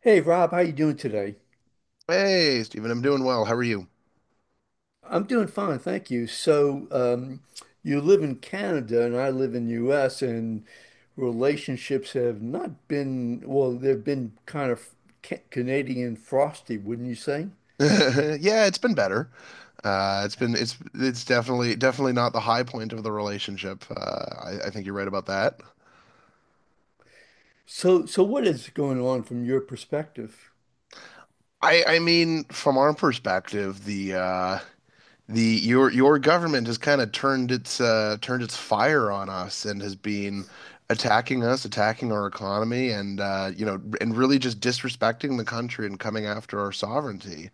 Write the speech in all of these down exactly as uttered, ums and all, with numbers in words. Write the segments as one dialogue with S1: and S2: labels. S1: Hey Rob, how you doing today?
S2: Hey, Stephen, I'm doing well. How are you?
S1: I'm doing fine, thank you. So, um, you live in Canada and I live in U S, and relationships have not been, well, they've been kind of ca- Canadian frosty, wouldn't you say?
S2: Yeah, it's been better. Uh, it's been it's it's definitely definitely not the high point of the relationship. Uh, I, I think you're right about that.
S1: So, so what is going on from your perspective?
S2: I I mean, from our perspective, the uh, the your your government has kind of turned its uh, turned its fire on us and has been attacking us, attacking our economy, and uh, you know, and really just disrespecting the country and coming after our sovereignty.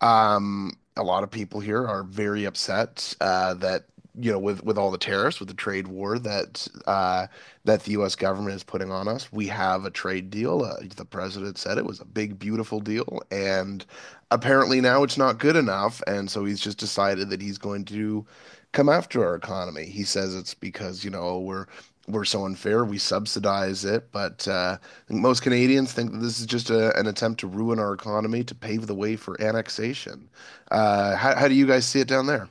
S2: Um, a lot of people here are very upset uh, that you know with with all the tariffs, with the trade war that uh, that the U S government is putting on us. We have a trade deal. Uh, the president said it was a big, beautiful deal, and apparently now it's not good enough, and so he's just decided that he's going to come after our economy. He says it's because, you know, we're we're so unfair, we subsidize it, but uh, I think most Canadians think that this is just a, an attempt to ruin our economy to pave the way for annexation. Uh, how, how do you guys see it down there?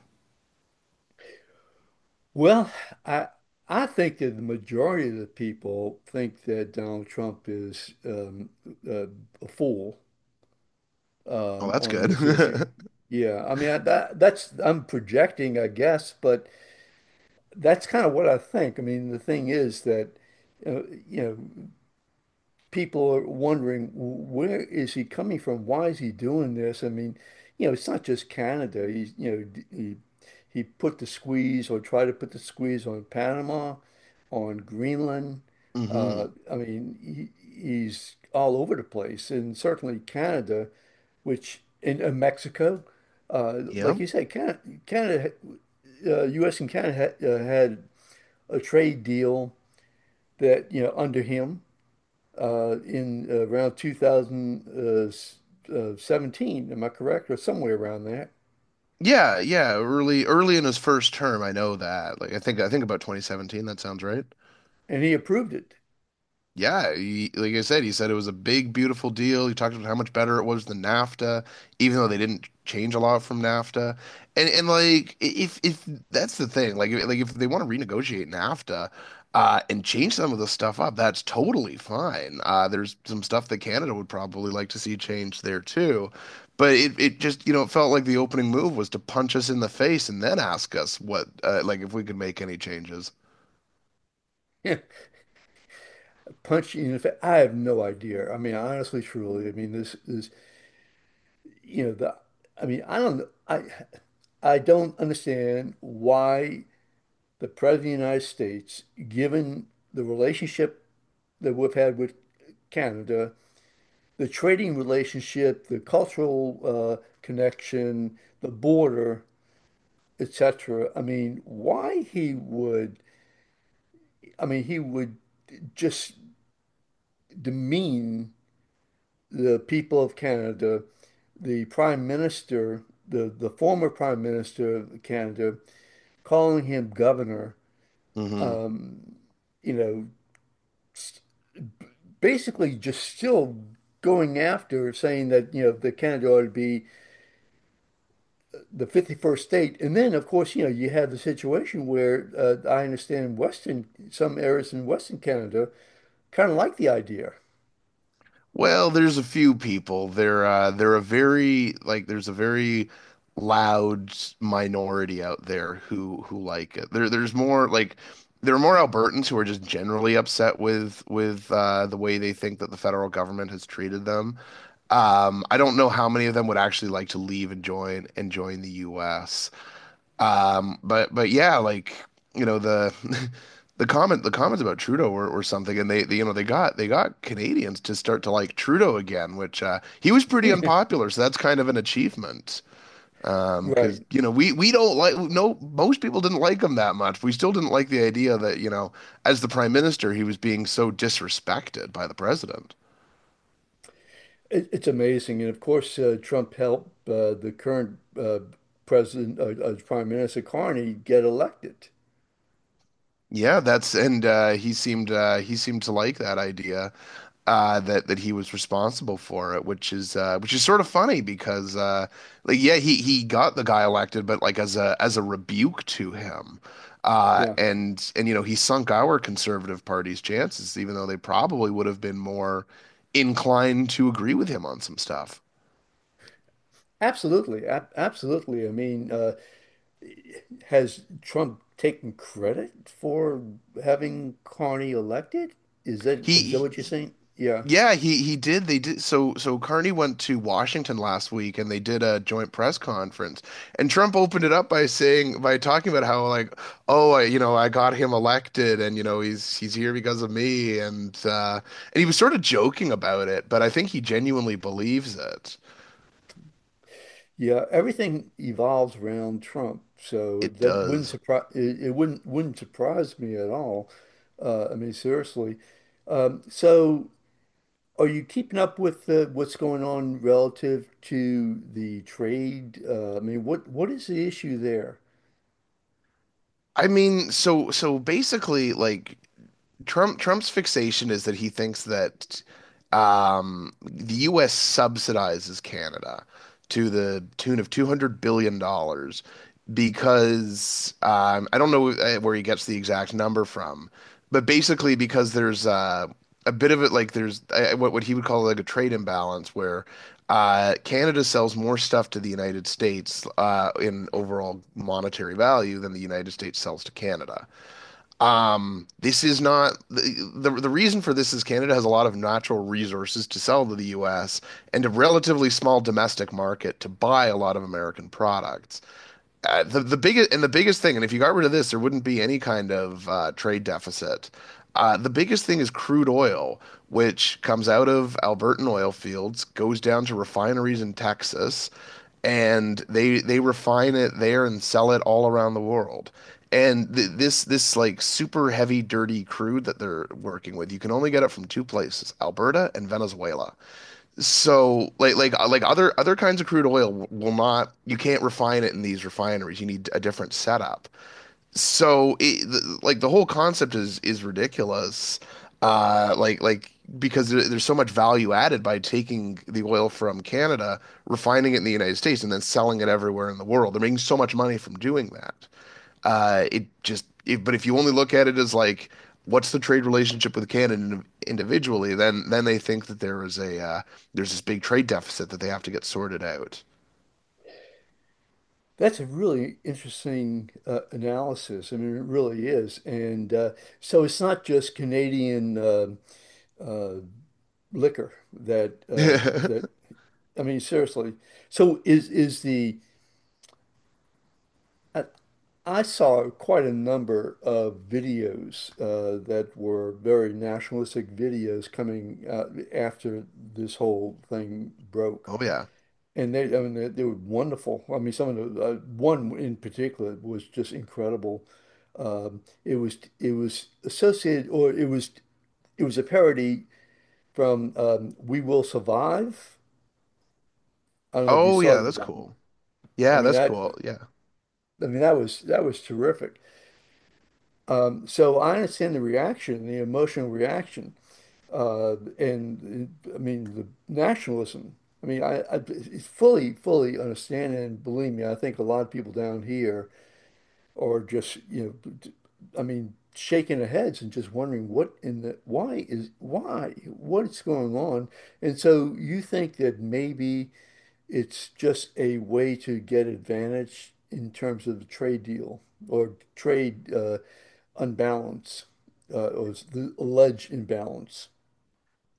S1: Well, I I think that the majority of the people think that Donald Trump is um, uh, a fool uh,
S2: Oh, that's
S1: on
S2: good.
S1: this issue. Yeah, I mean I, that that's I'm projecting, I guess, but that's kind of what I think. I mean, the thing is that uh, you know people are wondering, where is he coming from? Why is he doing this? I mean, you know, it's not just Canada. He's, you know, d- he he put the squeeze, or tried to put the squeeze, on Panama, on Greenland. Uh,
S2: hmm
S1: I mean, he, he's all over the place, and certainly Canada which in, uh Mexico, uh, like
S2: Yep.
S1: you said, Canada, Canada, uh, U S and Canada had, uh, had a trade deal that, you know, under him, uh, in uh, around two thousand seventeen. Am I correct, or somewhere around that?
S2: Yeah, yeah. Early, early in his first term, I know that. Like, I think, I think about twenty seventeen. That sounds right.
S1: And he approved it.
S2: Yeah, he, like I said, he said it was a big, beautiful deal. He talked about how much better it was than NAFTA, even though they didn't change a lot from NAFTA. And and like I- if if that's the thing, like if- like if they want to renegotiate NAFTA uh, and change some of the stuff up, that's totally fine. Uh, there's some stuff that Canada would probably like to see changed there too. But it, it just, you know, it felt like the opening move was to punch us in the face and then ask us what, uh, like if we could make any changes.
S1: Yeah, punch you in the fa- I have no idea. I mean, honestly, truly, I mean, this is, you know the. I mean, I don't. I I don't understand why the President of the United States, given the relationship that we've had with Canada, the trading relationship, the cultural uh, connection, the border, et cetera. I mean, why he would, I mean, he would just demean the people of Canada, the Prime Minister, the, the former Prime Minister of Canada, calling him governor, you know, basically just still going after, saying that, you know, the Canada ought to be the fifty-first state. And then, of course, you know, you have the situation where uh, I understand Western, some areas in Western Canada kind of like the idea.
S2: Well, there's a few people. They're uh, they're a very like there's a very loud minority out there who who like it. There there's more like there are more Albertans who are just generally upset with with uh, the way they think that the federal government has treated them. Um, I don't know how many of them would actually like to leave and join and join the U S. Um, but but yeah, like you know the the comment the comments about Trudeau or, or something, and they, they you know they got they got Canadians to start to like Trudeau again, which uh, he was pretty unpopular, so that's kind of an achievement. Um, because
S1: Right.
S2: you know we we don't like no most people didn't like him that much. We still didn't like the idea that you know as the prime minister he was being so disrespected by the president.
S1: It, it's amazing. And of course, uh, Trump helped uh, the current uh, president, uh, uh, Prime Minister Carney get elected.
S2: Yeah, that's and uh, he seemed uh, he seemed to like that idea. uh that that he was responsible for it, which is uh which is sort of funny because uh like yeah he he got the guy elected, but like as a as a rebuke to him. uh
S1: Yeah,
S2: and and you know he sunk our conservative party's chances, even though they probably would have been more inclined to agree with him on some stuff.
S1: absolutely. Ab Absolutely. I mean, uh, has Trump taken credit for having Carney elected? Is that is that
S2: He
S1: what you're saying? Yeah.
S2: Yeah, he he did. They did. So so Carney went to Washington last week and they did a joint press conference. And Trump opened it up by saying by talking about how like, oh, I, you know, I got him elected and you know, he's he's here because of me, and uh and he was sort of joking about it, but I think he genuinely believes it.
S1: Yeah, everything evolves around Trump, so
S2: It
S1: that wouldn't
S2: does.
S1: surprise it, it wouldn't wouldn't surprise me at all. Uh, I mean, seriously. Um, so, are you keeping up with uh, what's going on relative to the trade? Uh, I mean, what what is the issue there?
S2: I mean, so so basically like Trump Trump's fixation is that he thinks that um, the U S subsidizes Canada to the tune of two hundred billion dollars because um, I don't know uh, where he gets the exact number from, but basically because there's uh, a bit of it like there's uh, what what he would call like a trade imbalance where uh, Canada sells more stuff to the United States uh, in overall monetary value than the United States sells to Canada. Um, this is not the, the the reason for this is Canada has a lot of natural resources to sell to the U S and a relatively small domestic market to buy a lot of American products. Uh, the the biggest and the biggest thing, and if you got rid of this, there wouldn't be any kind of uh, trade deficit. Uh, the biggest thing is crude oil, which comes out of Albertan oil fields, goes down to refineries in Texas, and they they refine it there and sell it all around the world. And th this this like super heavy, dirty crude that they're working with, you can only get it from two places, Alberta and Venezuela. So like like uh, like other other kinds of crude oil w- will not you can't refine it in these refineries. You need a different setup. So it, th- like the whole concept is is ridiculous. Uh like like because there- there's so much value added by taking the oil from Canada, refining it in the United States, and then selling it everywhere in the world. They're making so much money from doing that. Uh, it just, if but If you only look at it as like, what's the trade relationship with Canada individually, then then they think that there is a uh, there's this big trade deficit that they have to get sorted out.
S1: That's a really interesting uh, analysis. I mean, it really is. And uh, so it's not just Canadian uh, uh, liquor that uh, that I mean, seriously. So is is the I, I saw quite a number of videos uh, that were very nationalistic videos coming uh, after this whole thing broke.
S2: Oh yeah.
S1: And they, I mean, they, they were wonderful. I mean, some of the uh, one in particular was just incredible. Um, it was, it was associated, or it was, it was a parody from, um, We Will Survive. I don't know if you
S2: Oh
S1: saw
S2: yeah,
S1: that
S2: that's
S1: one.
S2: cool.
S1: I
S2: Yeah,
S1: mean
S2: that's
S1: that
S2: cool. Yeah.
S1: I mean that was, that was terrific. Um, so I understand the reaction, the emotional reaction, uh, and I mean the nationalism. I mean I, I fully fully understand, and believe me, I think a lot of people down here or just, you know, I mean, shaking their heads and just wondering what in the why is why what's going on. And so you think that maybe it's just a way to get advantage in terms of the trade deal or trade uh, unbalance uh, or the alleged imbalance.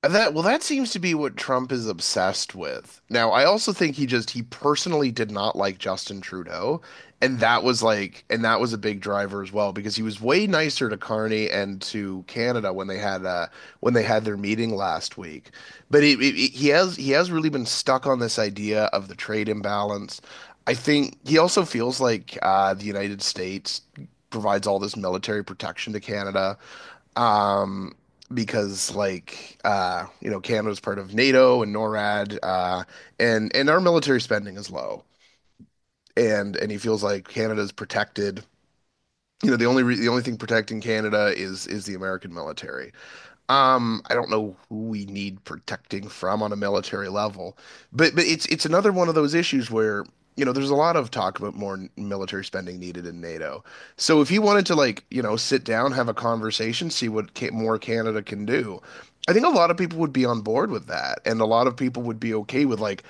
S2: That well, that seems to be what Trump is obsessed with. Now, I also think he just he personally did not like Justin Trudeau, and that was like and that was a big driver as well, because he was way nicer to Carney and to Canada when they had uh when they had their meeting last week. But it, it, it- he has he has really been stuck on this idea of the trade imbalance. I think he also feels like uh the United States provides all this military protection to Canada um because like uh you know Canada's part of NATO and NORAD uh and and our military spending is low, and and he feels like Canada's protected, you know the only re the only thing protecting Canada is is the American military. Um, I don't know who we need protecting from on a military level, but but it's it's another one of those issues where, you know, there's a lot of talk about more n- military spending needed in NATO. So if you wanted to like, you know, sit down, have a conversation, see what ca more Canada can do, I think a lot of people would be on board with that, and a lot of people would be okay with like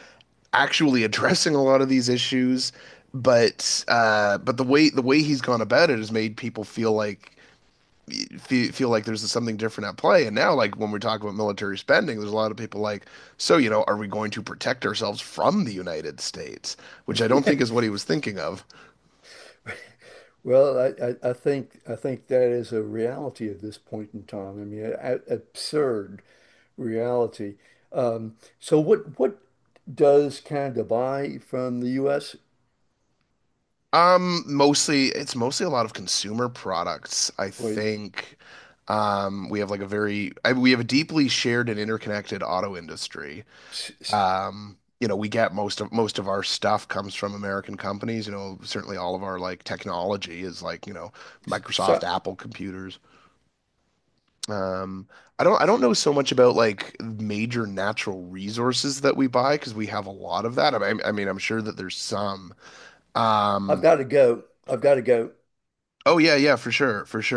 S2: actually addressing a lot of these issues, but uh, but the way the way he's gone about it has made people feel like feel, feel like there's something different at play. And now, like when we talk about military spending, there's a lot of people like, so, you know, are we going to protect ourselves from the United States? Which I don't think is what he was thinking of.
S1: Well, I, I, I think I think that is a reality at this point in time. I mean, a, a- absurd reality. Um, so what what does Canada buy from the U S?
S2: Um, mostly, it's mostly a lot of consumer products, I
S1: Wait,
S2: think. Um, we have like a very, I, we have a deeply shared and interconnected auto industry.
S1: s- s-
S2: Um, you know, we get most of most of our stuff comes from American companies. You know, certainly all of our like technology is like, you know,
S1: s- so
S2: Microsoft, Apple computers. Um, I don't I don't know so much about like major natural resources that we buy because we have a lot of that. I, I mean, I'm sure that there's some.
S1: I've
S2: Um,
S1: got to go. I've got to go.
S2: oh yeah, yeah, for sure, for sure.